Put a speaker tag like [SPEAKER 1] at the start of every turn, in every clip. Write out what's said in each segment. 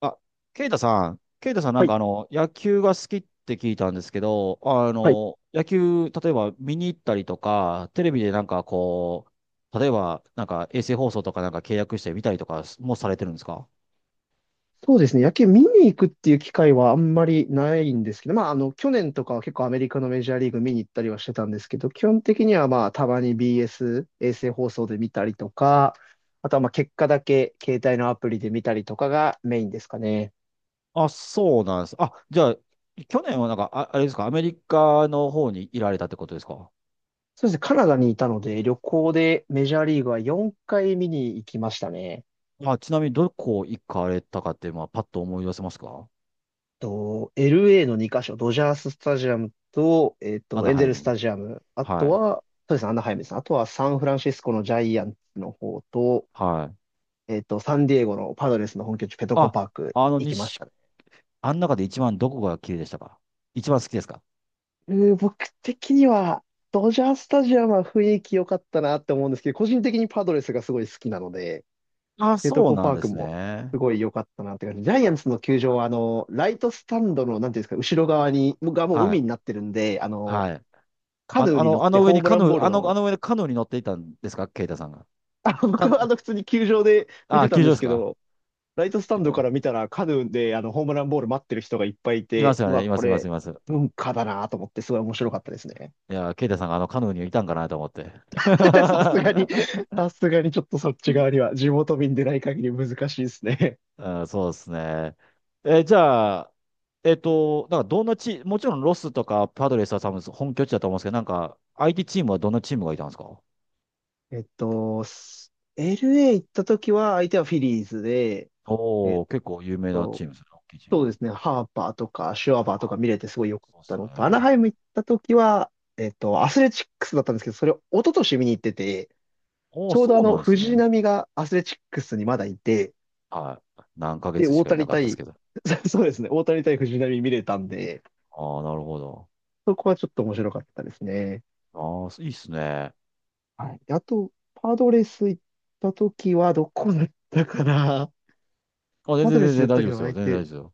[SPEAKER 1] あ、ケイタさんな
[SPEAKER 2] は
[SPEAKER 1] んか
[SPEAKER 2] い
[SPEAKER 1] 野球が好きって聞いたんですけど、
[SPEAKER 2] はい
[SPEAKER 1] 野球、例えば見に行ったりとか、テレビでなんかこう、例えばなんか衛星放送とかなんか契約して見たりとかもされてるんですか？
[SPEAKER 2] そうですね。野球見に行くっていう機会はあんまりないんですけど、まあ、去年とかは結構アメリカのメジャーリーグ見に行ったりはしてたんですけど、基本的にはまあ、たまに BS、衛星放送で見たりとか、あとはまあ、結果だけ携帯のアプリで見たりとかがメインですかね。
[SPEAKER 1] あ、そうなんです。あ、じゃあ、去年はなんか、あ、あれですか、アメリカの方にいられたってことですか？
[SPEAKER 2] そうですね。カナダにいたので、旅行でメジャーリーグは4回見に行きましたね。
[SPEAKER 1] あ、ちなみにどこ行かれたかって、まあ、パッと思い出せますか？
[SPEAKER 2] LA の2カ所、ドジャーススタジアムと、
[SPEAKER 1] アナ
[SPEAKER 2] エン
[SPEAKER 1] ハ
[SPEAKER 2] ゼ
[SPEAKER 1] イ
[SPEAKER 2] ルス
[SPEAKER 1] ム。
[SPEAKER 2] タジアム、あと
[SPEAKER 1] はい。
[SPEAKER 2] は、そうですね、アナハイムですね。あとはサンフランシスコのジャイアンツの方と、
[SPEAKER 1] はい。
[SPEAKER 2] サンディエゴのパドレスの本拠地ペトコ
[SPEAKER 1] あ、
[SPEAKER 2] パーク
[SPEAKER 1] あの、
[SPEAKER 2] 行きまし
[SPEAKER 1] 日
[SPEAKER 2] たね。
[SPEAKER 1] あん中で一番どこが綺麗でしたか？一番好きですか？
[SPEAKER 2] 僕的には、ドジャースタジアムは雰囲気良かったなって思うんですけど、個人的にパドレスがすごい好きなので、
[SPEAKER 1] あ、
[SPEAKER 2] ペト
[SPEAKER 1] そう
[SPEAKER 2] コ
[SPEAKER 1] な
[SPEAKER 2] パ
[SPEAKER 1] ん
[SPEAKER 2] ー
[SPEAKER 1] で
[SPEAKER 2] ク
[SPEAKER 1] す
[SPEAKER 2] も
[SPEAKER 1] ね。
[SPEAKER 2] すごい良かったなって感じ。ジャイアンツの球場は、ライトスタンドの、なんていうんですか、後ろ側に、がもう
[SPEAKER 1] はい。
[SPEAKER 2] 海になってるんで、あの、
[SPEAKER 1] はい。
[SPEAKER 2] カヌーに乗っ
[SPEAKER 1] あ
[SPEAKER 2] て
[SPEAKER 1] の上
[SPEAKER 2] ホ
[SPEAKER 1] に
[SPEAKER 2] ーム
[SPEAKER 1] カ
[SPEAKER 2] ラ
[SPEAKER 1] ヌ
[SPEAKER 2] ンボー
[SPEAKER 1] ー、
[SPEAKER 2] ル
[SPEAKER 1] あ
[SPEAKER 2] の、
[SPEAKER 1] の上でカヌーに乗っていたんですかケイタさんが。カ
[SPEAKER 2] 僕は
[SPEAKER 1] ヌ
[SPEAKER 2] 普通に球場で見
[SPEAKER 1] あ、
[SPEAKER 2] てた
[SPEAKER 1] 球
[SPEAKER 2] ん
[SPEAKER 1] 場
[SPEAKER 2] で
[SPEAKER 1] で
[SPEAKER 2] す
[SPEAKER 1] す
[SPEAKER 2] け
[SPEAKER 1] か？
[SPEAKER 2] ど、ライトスタ
[SPEAKER 1] い
[SPEAKER 2] ンド
[SPEAKER 1] や、
[SPEAKER 2] から見たらカヌーでホームランボール待ってる人がいっぱいい
[SPEAKER 1] いま
[SPEAKER 2] て、
[SPEAKER 1] すよ
[SPEAKER 2] う
[SPEAKER 1] ね。
[SPEAKER 2] わ、
[SPEAKER 1] いま
[SPEAKER 2] こ
[SPEAKER 1] す、います、
[SPEAKER 2] れ、
[SPEAKER 1] います。
[SPEAKER 2] 文化だなと思って、すごい面白かったですね。
[SPEAKER 1] いや、ケイタさんがあのカヌーにいたんかなと思って。
[SPEAKER 2] さすがに、さすがにちょっとそっち側には、地元民でない限り難しいですね。
[SPEAKER 1] うん、そうですね。え、じゃあ、なんかどんなチもちろんロスとかパドレスは多分本拠地だと思うんですけど、なんか相手チームはどんなチームがいたんですか？
[SPEAKER 2] えっと、LA 行った時は、相手はフィリーズで、え
[SPEAKER 1] お
[SPEAKER 2] っ
[SPEAKER 1] お、結構有名なチ
[SPEAKER 2] と、
[SPEAKER 1] ームですね。大きいチー
[SPEAKER 2] そ
[SPEAKER 1] ム
[SPEAKER 2] うで
[SPEAKER 1] で。
[SPEAKER 2] すね。ハーパーとかシュワバーと
[SPEAKER 1] あ、
[SPEAKER 2] か見れてすごい良かっ
[SPEAKER 1] そうです
[SPEAKER 2] たのと、ア
[SPEAKER 1] よ
[SPEAKER 2] ナ
[SPEAKER 1] ね。
[SPEAKER 2] ハイム行った時は、アスレチックスだったんですけど、それを一昨年見に行ってて、
[SPEAKER 1] おお、
[SPEAKER 2] ちょう
[SPEAKER 1] そ
[SPEAKER 2] ど
[SPEAKER 1] うなんです
[SPEAKER 2] 藤
[SPEAKER 1] ね。
[SPEAKER 2] 浪がアスレチックスにまだいて、
[SPEAKER 1] はい。何ヶ
[SPEAKER 2] で、
[SPEAKER 1] 月し
[SPEAKER 2] 大
[SPEAKER 1] かいな
[SPEAKER 2] 谷
[SPEAKER 1] かったです
[SPEAKER 2] 対、
[SPEAKER 1] けど。
[SPEAKER 2] そうですね、大谷対藤浪見れたんで、
[SPEAKER 1] ああ、なるほど。
[SPEAKER 2] そこはちょっと面白かったですね。
[SPEAKER 1] ああ、いいっすね。
[SPEAKER 2] はい。であと、パドレス行った時はどこだったかな。
[SPEAKER 1] あ、全
[SPEAKER 2] パ
[SPEAKER 1] 然
[SPEAKER 2] ドレ
[SPEAKER 1] 全
[SPEAKER 2] スや
[SPEAKER 1] 然
[SPEAKER 2] っ
[SPEAKER 1] 大
[SPEAKER 2] た
[SPEAKER 1] 丈
[SPEAKER 2] け
[SPEAKER 1] 夫で
[SPEAKER 2] ど
[SPEAKER 1] すよ。
[SPEAKER 2] 相
[SPEAKER 1] 全然大丈夫
[SPEAKER 2] 手、
[SPEAKER 1] ですよ。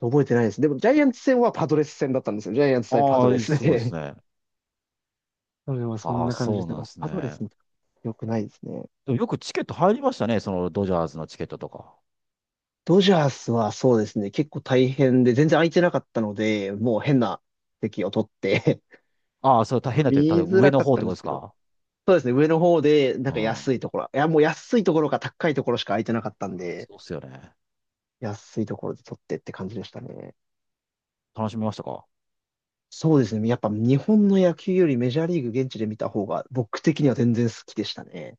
[SPEAKER 2] 覚えてないです。でも、ジャイアンツ戦はパドレス戦だったんですよ。ジャイアンツ対パ
[SPEAKER 1] あ
[SPEAKER 2] ド
[SPEAKER 1] あ、
[SPEAKER 2] レ
[SPEAKER 1] いい、
[SPEAKER 2] ス
[SPEAKER 1] すごいです
[SPEAKER 2] で。
[SPEAKER 1] ね。
[SPEAKER 2] それはそん
[SPEAKER 1] ああ、
[SPEAKER 2] な感じ
[SPEAKER 1] そ
[SPEAKER 2] で
[SPEAKER 1] う
[SPEAKER 2] すね。
[SPEAKER 1] なん
[SPEAKER 2] お
[SPEAKER 1] です
[SPEAKER 2] パドレ
[SPEAKER 1] ね。
[SPEAKER 2] スも良くないですね。
[SPEAKER 1] でもよくチケット入りましたね。そのドジャースのチケットとか。
[SPEAKER 2] ドジャースはそうですね、結構大変で、全然空いてなかったので、もう変な席を取って
[SPEAKER 1] ああ、それ大変 なってる。た
[SPEAKER 2] 見
[SPEAKER 1] だ
[SPEAKER 2] づ
[SPEAKER 1] 上
[SPEAKER 2] ら
[SPEAKER 1] の
[SPEAKER 2] かっ
[SPEAKER 1] 方っ
[SPEAKER 2] た
[SPEAKER 1] て
[SPEAKER 2] ん
[SPEAKER 1] こ
[SPEAKER 2] で
[SPEAKER 1] とで
[SPEAKER 2] す
[SPEAKER 1] す
[SPEAKER 2] けど、
[SPEAKER 1] か？
[SPEAKER 2] そうですね、上の方で、な
[SPEAKER 1] う
[SPEAKER 2] んか
[SPEAKER 1] ん。
[SPEAKER 2] 安いところ、いや、もう安いところか高いところしか空いてなかったんで、
[SPEAKER 1] そうっすよね。
[SPEAKER 2] 安いところで取ってって感じでしたね。
[SPEAKER 1] 楽しみましたか？
[SPEAKER 2] そうですね、やっぱ日本の野球よりメジャーリーグ現地で見た方が、僕的には全然好きでしたね。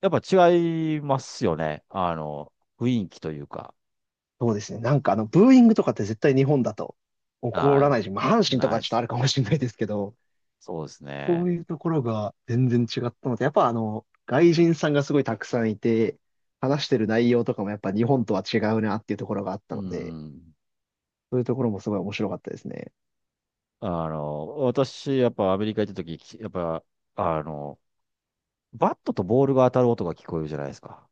[SPEAKER 1] やっぱ違いますよね。雰囲気というか。
[SPEAKER 2] そうですね。なんかブーイングとかって絶対日本だと起こら
[SPEAKER 1] ああ、
[SPEAKER 2] ないし、まあ、阪神と
[SPEAKER 1] ナ
[SPEAKER 2] か
[SPEAKER 1] イ
[SPEAKER 2] ちょっとあ
[SPEAKER 1] ス。
[SPEAKER 2] るかもしれないですけど、
[SPEAKER 1] そうです
[SPEAKER 2] そう
[SPEAKER 1] ね。
[SPEAKER 2] いうところが全然違ったので、やっぱ外人さんがすごいたくさんいて、話してる内容とかもやっぱ日本とは違うなっていうところがあっ
[SPEAKER 1] う
[SPEAKER 2] たので、
[SPEAKER 1] ん。
[SPEAKER 2] そういうところもすごい面白かったですね。
[SPEAKER 1] 私、やっぱアメリカ行った時、やっぱ、あの、バットとボールが当たる音が聞こえるじゃないですか。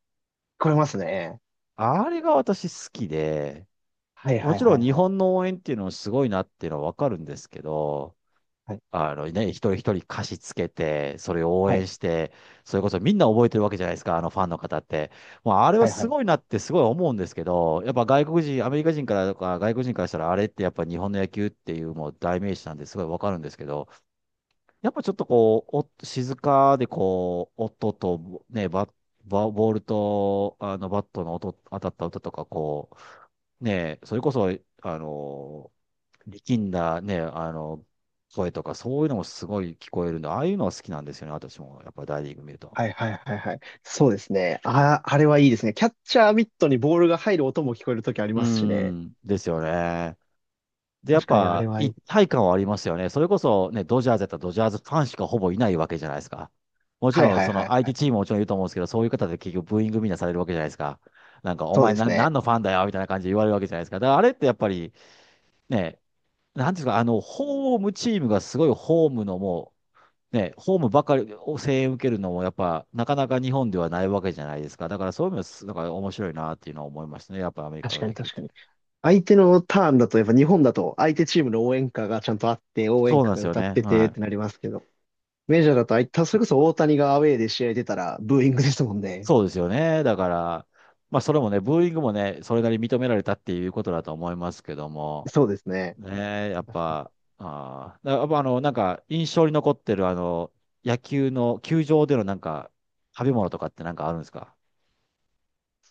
[SPEAKER 2] 聞こえますね。
[SPEAKER 1] あれが私好きで、
[SPEAKER 2] はい
[SPEAKER 1] も
[SPEAKER 2] はい
[SPEAKER 1] ちろ
[SPEAKER 2] は
[SPEAKER 1] ん
[SPEAKER 2] い
[SPEAKER 1] 日
[SPEAKER 2] はい。
[SPEAKER 1] 本の応援っていうのもすごいなっていうのはわかるんですけど、
[SPEAKER 2] はい。
[SPEAKER 1] 一人一人歌詞つけて、それを応
[SPEAKER 2] はい
[SPEAKER 1] 援して、それこそみんな覚えてるわけじゃないですか、あのファンの方って。もうあれは
[SPEAKER 2] は
[SPEAKER 1] す
[SPEAKER 2] い。
[SPEAKER 1] ごいなってすごい思うんですけど、やっぱ外国人、アメリカ人からとか外国人からしたらあれってやっぱ日本の野球っていうもう代名詞なんですごいわかるんですけど、やっぱちょっとこう、お静かでこう、音とね、バッバボールとあのバットの音、当たった音とか、こう、ね、それこそ、あの力んだね、声とか、そういうのもすごい聞こえるんで、ああいうのは好きなんですよね、私も。やっぱ大リーグ見ると。
[SPEAKER 2] はいはいはいはいはい。そうですね。あ、あれはいいですね。キャッチャーミットにボールが入る音も聞こえるときあり
[SPEAKER 1] う
[SPEAKER 2] ますしね。
[SPEAKER 1] ん、ですよね。で、やっ
[SPEAKER 2] 確かにあれ
[SPEAKER 1] ぱ
[SPEAKER 2] はい
[SPEAKER 1] 一
[SPEAKER 2] い。
[SPEAKER 1] 体感はありますよね。それこそね、ドジャーズやったらドジャーズファンしかほぼいないわけじゃないですか。もち
[SPEAKER 2] はい
[SPEAKER 1] ろん、
[SPEAKER 2] はい
[SPEAKER 1] その
[SPEAKER 2] はい
[SPEAKER 1] 相
[SPEAKER 2] は
[SPEAKER 1] 手
[SPEAKER 2] い。
[SPEAKER 1] チームももちろんいると思うんですけど、そういう方で結局ブーイングみんなされるわけじゃないですか。なんか、お
[SPEAKER 2] そう
[SPEAKER 1] 前
[SPEAKER 2] で
[SPEAKER 1] な、
[SPEAKER 2] す
[SPEAKER 1] 何
[SPEAKER 2] ね。
[SPEAKER 1] のファンだよみたいな感じで言われるわけじゃないですか。だからあれってやっぱりね、なんていうんですか、ホームチームがすごいホームのもう、ね、ホームばかりを声援受けるのも、やっぱ、なかなか日本ではないわけじゃないですか。だから、そういう意味です、だから面白いなっていうのは思いましたね。やっぱアメリカ
[SPEAKER 2] 確
[SPEAKER 1] の
[SPEAKER 2] かに
[SPEAKER 1] 野球っ
[SPEAKER 2] 確か
[SPEAKER 1] て。
[SPEAKER 2] に。相手のターンだと、やっぱ日本だと相手チームの応援歌がちゃんとあって、応援
[SPEAKER 1] そう
[SPEAKER 2] 歌
[SPEAKER 1] なんで
[SPEAKER 2] が
[SPEAKER 1] すよ
[SPEAKER 2] 歌っ
[SPEAKER 1] ね。
[SPEAKER 2] てて
[SPEAKER 1] は
[SPEAKER 2] っ
[SPEAKER 1] い。
[SPEAKER 2] てなりますけど、メジャーだと、あいたそれこそ大谷がアウェーで試合出たらブーイングですもんね。
[SPEAKER 1] そうですよね。だから、まあ、それもね、ブーイングもね、それなりに認められたっていうことだと思いますけども、
[SPEAKER 2] そうですね。
[SPEAKER 1] ねえ、やっ
[SPEAKER 2] 確かに
[SPEAKER 1] ぱ、あーだやっぱなんか、印象に残ってる、野球の、球場でのなんか、食べ物とかってなんかあるんですか？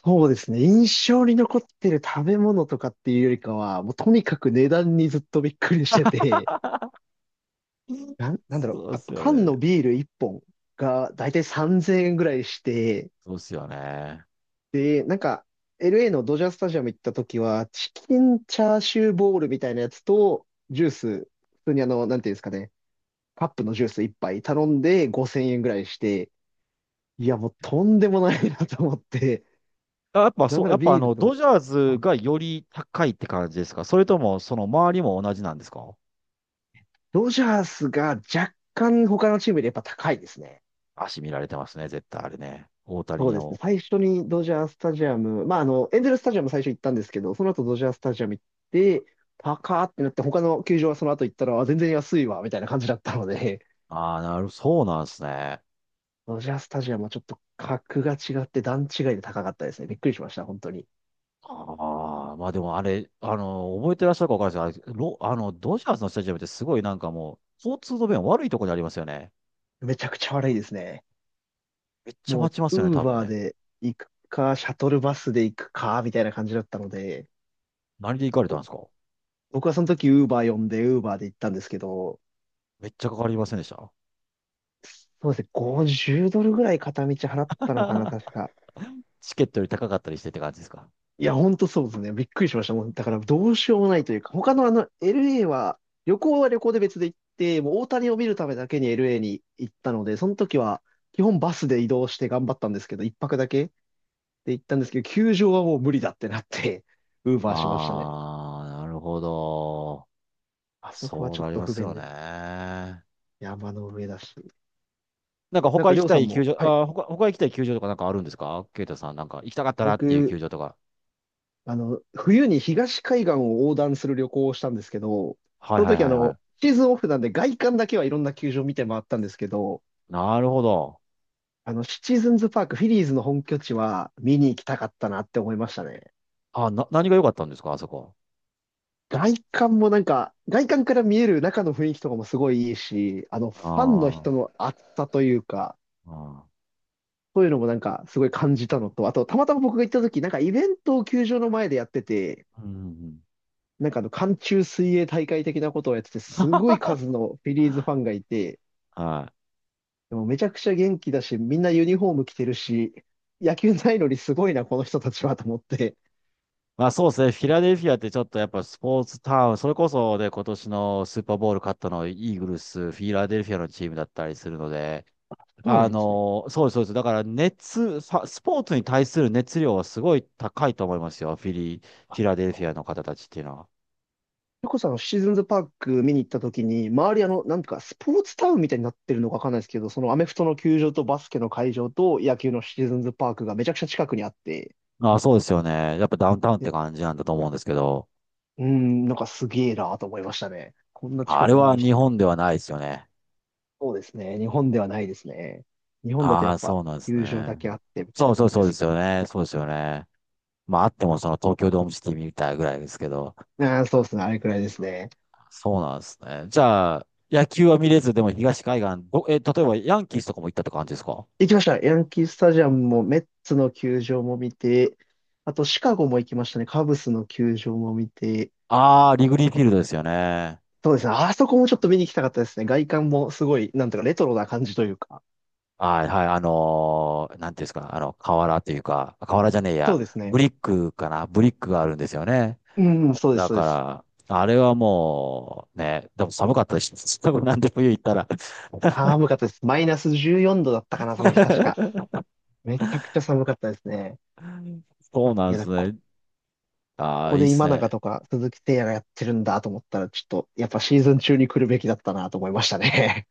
[SPEAKER 2] そうですね。印象に残ってる食べ物とかっていうよりかは、もうとにかく値段にずっとびっくりしてて、
[SPEAKER 1] うん。
[SPEAKER 2] なんだろう、
[SPEAKER 1] そうで
[SPEAKER 2] か
[SPEAKER 1] すよ
[SPEAKER 2] 缶の
[SPEAKER 1] ね。
[SPEAKER 2] ビール1本がだいたい3000円ぐらいして、
[SPEAKER 1] そうですよね。
[SPEAKER 2] で、なんか、LA のドジャースタジアム行った時は、チキンチャーシューボールみたいなやつと、ジュース、普通になんていうんですかね、カップのジュース一杯頼んで5000円ぐらいして、いや、もうとんでもないなと思って、
[SPEAKER 1] あ、
[SPEAKER 2] なんなら
[SPEAKER 1] やっぱ
[SPEAKER 2] ビール
[SPEAKER 1] ド
[SPEAKER 2] と、
[SPEAKER 1] ジャー
[SPEAKER 2] は
[SPEAKER 1] ズ
[SPEAKER 2] い、
[SPEAKER 1] がより高いって感じですか、それとも、その周りも同じなんですか？
[SPEAKER 2] ドジャースが若干他のチームよりやっぱ高いですね。
[SPEAKER 1] 足見られてますね、絶対あれね。大谷
[SPEAKER 2] そ
[SPEAKER 1] に
[SPEAKER 2] うですね。
[SPEAKER 1] も。
[SPEAKER 2] 最初にドジャースタジアム、まあ、エンゼルスタジアム最初行ったんですけど、その後ドジャースタジアム行って、高ーってなって、他の球場はその後行ったら、あ全然安いわ、みたいな感じだったので、
[SPEAKER 1] ああ、そうなんですね。
[SPEAKER 2] ドジャースタジアムはちょっと格が違って段違いで高かったですね。びっくりしました、本当に。
[SPEAKER 1] ああ、まあでもあれ、覚えてらっしゃるかわかんないですけど、あれロあの、ドジャースのスタジアムってすごいなんかもう、交通の便悪いとこにありますよね。
[SPEAKER 2] めちゃくちゃ悪いですね。
[SPEAKER 1] めっちゃ
[SPEAKER 2] も
[SPEAKER 1] 待ちます
[SPEAKER 2] う、
[SPEAKER 1] よね、
[SPEAKER 2] ウー
[SPEAKER 1] 多分
[SPEAKER 2] バー
[SPEAKER 1] ね。
[SPEAKER 2] で行くか、シャトルバスで行くか、みたいな感じだったので、
[SPEAKER 1] 何で行かれたん
[SPEAKER 2] ぼ
[SPEAKER 1] ですか？
[SPEAKER 2] 僕はその時ウーバー呼んで、ウーバーで行ったんですけど、
[SPEAKER 1] めっちゃかかりませんでした？
[SPEAKER 2] そうですね、50ドルぐらい片道払ったのかな、確 か。
[SPEAKER 1] チケットより高かったりしてって感じですか？
[SPEAKER 2] いや、ほんとそうですね。びっくりしました。もう、だからどうしようもないというか、他のLA は、旅行は旅行で別で行って、もう大谷を見るためだけに LA に行ったので、その時は、基本バスで移動して頑張ったんですけど、一泊だけで行ったんですけど、球場はもう無理だってなって、ウー
[SPEAKER 1] あ
[SPEAKER 2] バーしましたね。
[SPEAKER 1] あー、なるほど。
[SPEAKER 2] あそこは
[SPEAKER 1] そう
[SPEAKER 2] ちょ
[SPEAKER 1] な
[SPEAKER 2] っ
[SPEAKER 1] り
[SPEAKER 2] と
[SPEAKER 1] ま
[SPEAKER 2] 不
[SPEAKER 1] す
[SPEAKER 2] 便
[SPEAKER 1] よね。
[SPEAKER 2] で、
[SPEAKER 1] な
[SPEAKER 2] 山の上だし。
[SPEAKER 1] んか
[SPEAKER 2] なん
[SPEAKER 1] 他
[SPEAKER 2] か、
[SPEAKER 1] 行
[SPEAKER 2] り
[SPEAKER 1] き
[SPEAKER 2] ょう
[SPEAKER 1] た
[SPEAKER 2] さ
[SPEAKER 1] い
[SPEAKER 2] ん
[SPEAKER 1] 球
[SPEAKER 2] も、
[SPEAKER 1] 場、
[SPEAKER 2] はい。
[SPEAKER 1] 他行きたい球場とかなんかあるんですかケイタさん、なんか行きたかったなっていう
[SPEAKER 2] 僕、
[SPEAKER 1] 球場とか。
[SPEAKER 2] 冬に東海岸を横断する旅行をしたんですけど、
[SPEAKER 1] は
[SPEAKER 2] そ
[SPEAKER 1] い、
[SPEAKER 2] の
[SPEAKER 1] はい、
[SPEAKER 2] 時
[SPEAKER 1] はい、はい。
[SPEAKER 2] シーズンオフなんで外観だけはいろんな球場見て回ったんですけど、
[SPEAKER 1] なるほど。
[SPEAKER 2] シチズンズパーク、フィリーズの本拠地は見に行きたかったなって思いましたね。
[SPEAKER 1] あ、何が良かったんですかあそこ。
[SPEAKER 2] 外観もなんか、外観から見える中の雰囲気とかもすごいいいし、
[SPEAKER 1] あ
[SPEAKER 2] ファンの
[SPEAKER 1] ー、
[SPEAKER 2] 人の熱さというか、
[SPEAKER 1] あ
[SPEAKER 2] そういうのもなんかすごい感じたのと、あと、たまたま僕が行った時、なんかイベントを球場の前でやってて、
[SPEAKER 1] ー。うん、うん、
[SPEAKER 2] なんか寒中水泳大会的なことをやってて、すごい数のフィリーズファンがいて、
[SPEAKER 1] うん、はい。
[SPEAKER 2] でもめちゃくちゃ元気だし、みんなユニフォーム着てるし、野球ないのにすごいな、この人たちはと思って。
[SPEAKER 1] まあそうですね。フィラデルフィアってちょっとやっぱスポーツタウン、それこそで今年のスーパーボウル勝ったのイーグルス、フィラデルフィアのチームだったりするので、
[SPEAKER 2] そうなんですね。
[SPEAKER 1] そうです、そうです。だから、スポーツに対する熱量はすごい高いと思いますよ。フ
[SPEAKER 2] あ
[SPEAKER 1] ィラデルフィアの方たちっていうのは。
[SPEAKER 2] ゆこさん、シーズンズパーク見に行った時に、周りなんとかスポーツタウンみたいになってるのかわかんないですけど、そのアメフトの球場とバスケの会場と野球のシーズンズパークがめちゃくちゃ近くにあって、
[SPEAKER 1] ああ、そうですよね。やっぱダウンタウンって
[SPEAKER 2] で、
[SPEAKER 1] 感じなんだと思うんですけど。
[SPEAKER 2] うーん、なんかすげえなと思いましたね。こんな
[SPEAKER 1] あ
[SPEAKER 2] 近
[SPEAKER 1] れ
[SPEAKER 2] くに
[SPEAKER 1] は
[SPEAKER 2] 見し
[SPEAKER 1] 日
[SPEAKER 2] て。
[SPEAKER 1] 本ではないですよね。
[SPEAKER 2] そうですね。日本ではないですね。日本だと
[SPEAKER 1] あ
[SPEAKER 2] やっ
[SPEAKER 1] あ、
[SPEAKER 2] ぱ
[SPEAKER 1] そうなんです
[SPEAKER 2] 球場
[SPEAKER 1] ね。
[SPEAKER 2] だけあってみたい
[SPEAKER 1] そ
[SPEAKER 2] な
[SPEAKER 1] う、そう、
[SPEAKER 2] 感じ
[SPEAKER 1] そ
[SPEAKER 2] で
[SPEAKER 1] うで
[SPEAKER 2] す。
[SPEAKER 1] すよね。そうですよね。まああってもその東京ドームシティみたいぐらいですけど。
[SPEAKER 2] ああ、そうですね。あれくらいですね。
[SPEAKER 1] そうなんですね。じゃあ、野球は見れず、でも東海岸、例えばヤンキースとかも行ったって感じですか？
[SPEAKER 2] 行きました。ヤンキースタジアムもメッツの球場も見て、あとシカゴも行きましたね。カブスの球場も見て、
[SPEAKER 1] ああー、リグリーフィールドですよね。
[SPEAKER 2] そうですね。あそこもちょっと見に行きたかったですね。外観もすごい、なんとかレトロな感じというか。
[SPEAKER 1] はい、はい、なんていうんですか、瓦というか、瓦じゃねえ
[SPEAKER 2] そ
[SPEAKER 1] や、
[SPEAKER 2] うです
[SPEAKER 1] ブ
[SPEAKER 2] ね。
[SPEAKER 1] リックかな、ブリックがあるんですよね。
[SPEAKER 2] うん、
[SPEAKER 1] だ
[SPEAKER 2] そう
[SPEAKER 1] か
[SPEAKER 2] です。
[SPEAKER 1] ら、あれはもう、ね、でも寒かったし、多分なんで冬行ったら。
[SPEAKER 2] 寒かったです。マイナス14度だったかな、その日確か。めちゃくちゃ寒かったですね。
[SPEAKER 1] そうな
[SPEAKER 2] い
[SPEAKER 1] ん
[SPEAKER 2] や、
[SPEAKER 1] で
[SPEAKER 2] だ
[SPEAKER 1] す
[SPEAKER 2] こ、
[SPEAKER 1] ね。
[SPEAKER 2] こ
[SPEAKER 1] ああ、
[SPEAKER 2] こ
[SPEAKER 1] いいっ
[SPEAKER 2] で
[SPEAKER 1] す
[SPEAKER 2] 今
[SPEAKER 1] ね。
[SPEAKER 2] 永とか鈴木誠也がやってるんだと思ったら、ちょっと、やっぱシーズン中に来るべきだったなと思いましたね。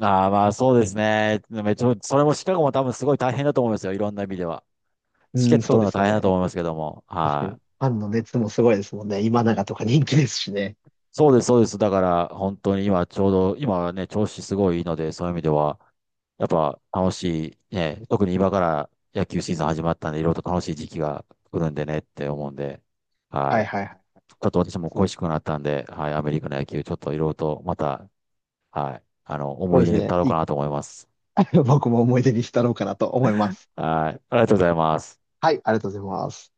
[SPEAKER 1] ああ、まあそうですね。めっちゃ、それもシカゴも多分すごい大変だと思いますよ。いろんな意味では。
[SPEAKER 2] う
[SPEAKER 1] チケッ
[SPEAKER 2] ん、
[SPEAKER 1] ト
[SPEAKER 2] そ
[SPEAKER 1] 取
[SPEAKER 2] う
[SPEAKER 1] るの
[SPEAKER 2] で
[SPEAKER 1] は
[SPEAKER 2] す
[SPEAKER 1] 大
[SPEAKER 2] よ
[SPEAKER 1] 変だ
[SPEAKER 2] ね。
[SPEAKER 1] と思いますけども。
[SPEAKER 2] 確かに。
[SPEAKER 1] は
[SPEAKER 2] フ
[SPEAKER 1] い。
[SPEAKER 2] ァンの熱もすごいですもんね。今永とか人気ですしね。
[SPEAKER 1] そうです、そうです。だから、本当に今ちょうど、今はね、調子すごいいいので、そういう意味では、やっぱ楽しい、ね、特に今から野球シーズン始まったんで、いろいろと楽しい時期が来るんでねって思うんで、
[SPEAKER 2] は
[SPEAKER 1] は
[SPEAKER 2] い
[SPEAKER 1] い。
[SPEAKER 2] はいはい。
[SPEAKER 1] ちょっと私も
[SPEAKER 2] そう
[SPEAKER 1] 恋
[SPEAKER 2] で
[SPEAKER 1] し
[SPEAKER 2] す。
[SPEAKER 1] くなったんで、はい、アメリカの野球、ちょっといろいろとまた、はい、
[SPEAKER 2] そう
[SPEAKER 1] 思い
[SPEAKER 2] で
[SPEAKER 1] 出
[SPEAKER 2] す
[SPEAKER 1] に
[SPEAKER 2] ね。
[SPEAKER 1] 浸ろうかなと思います。
[SPEAKER 2] 僕も思い出に浸ろうかなと思います。
[SPEAKER 1] はい、ありがとうございます。
[SPEAKER 2] はい、ありがとうございます。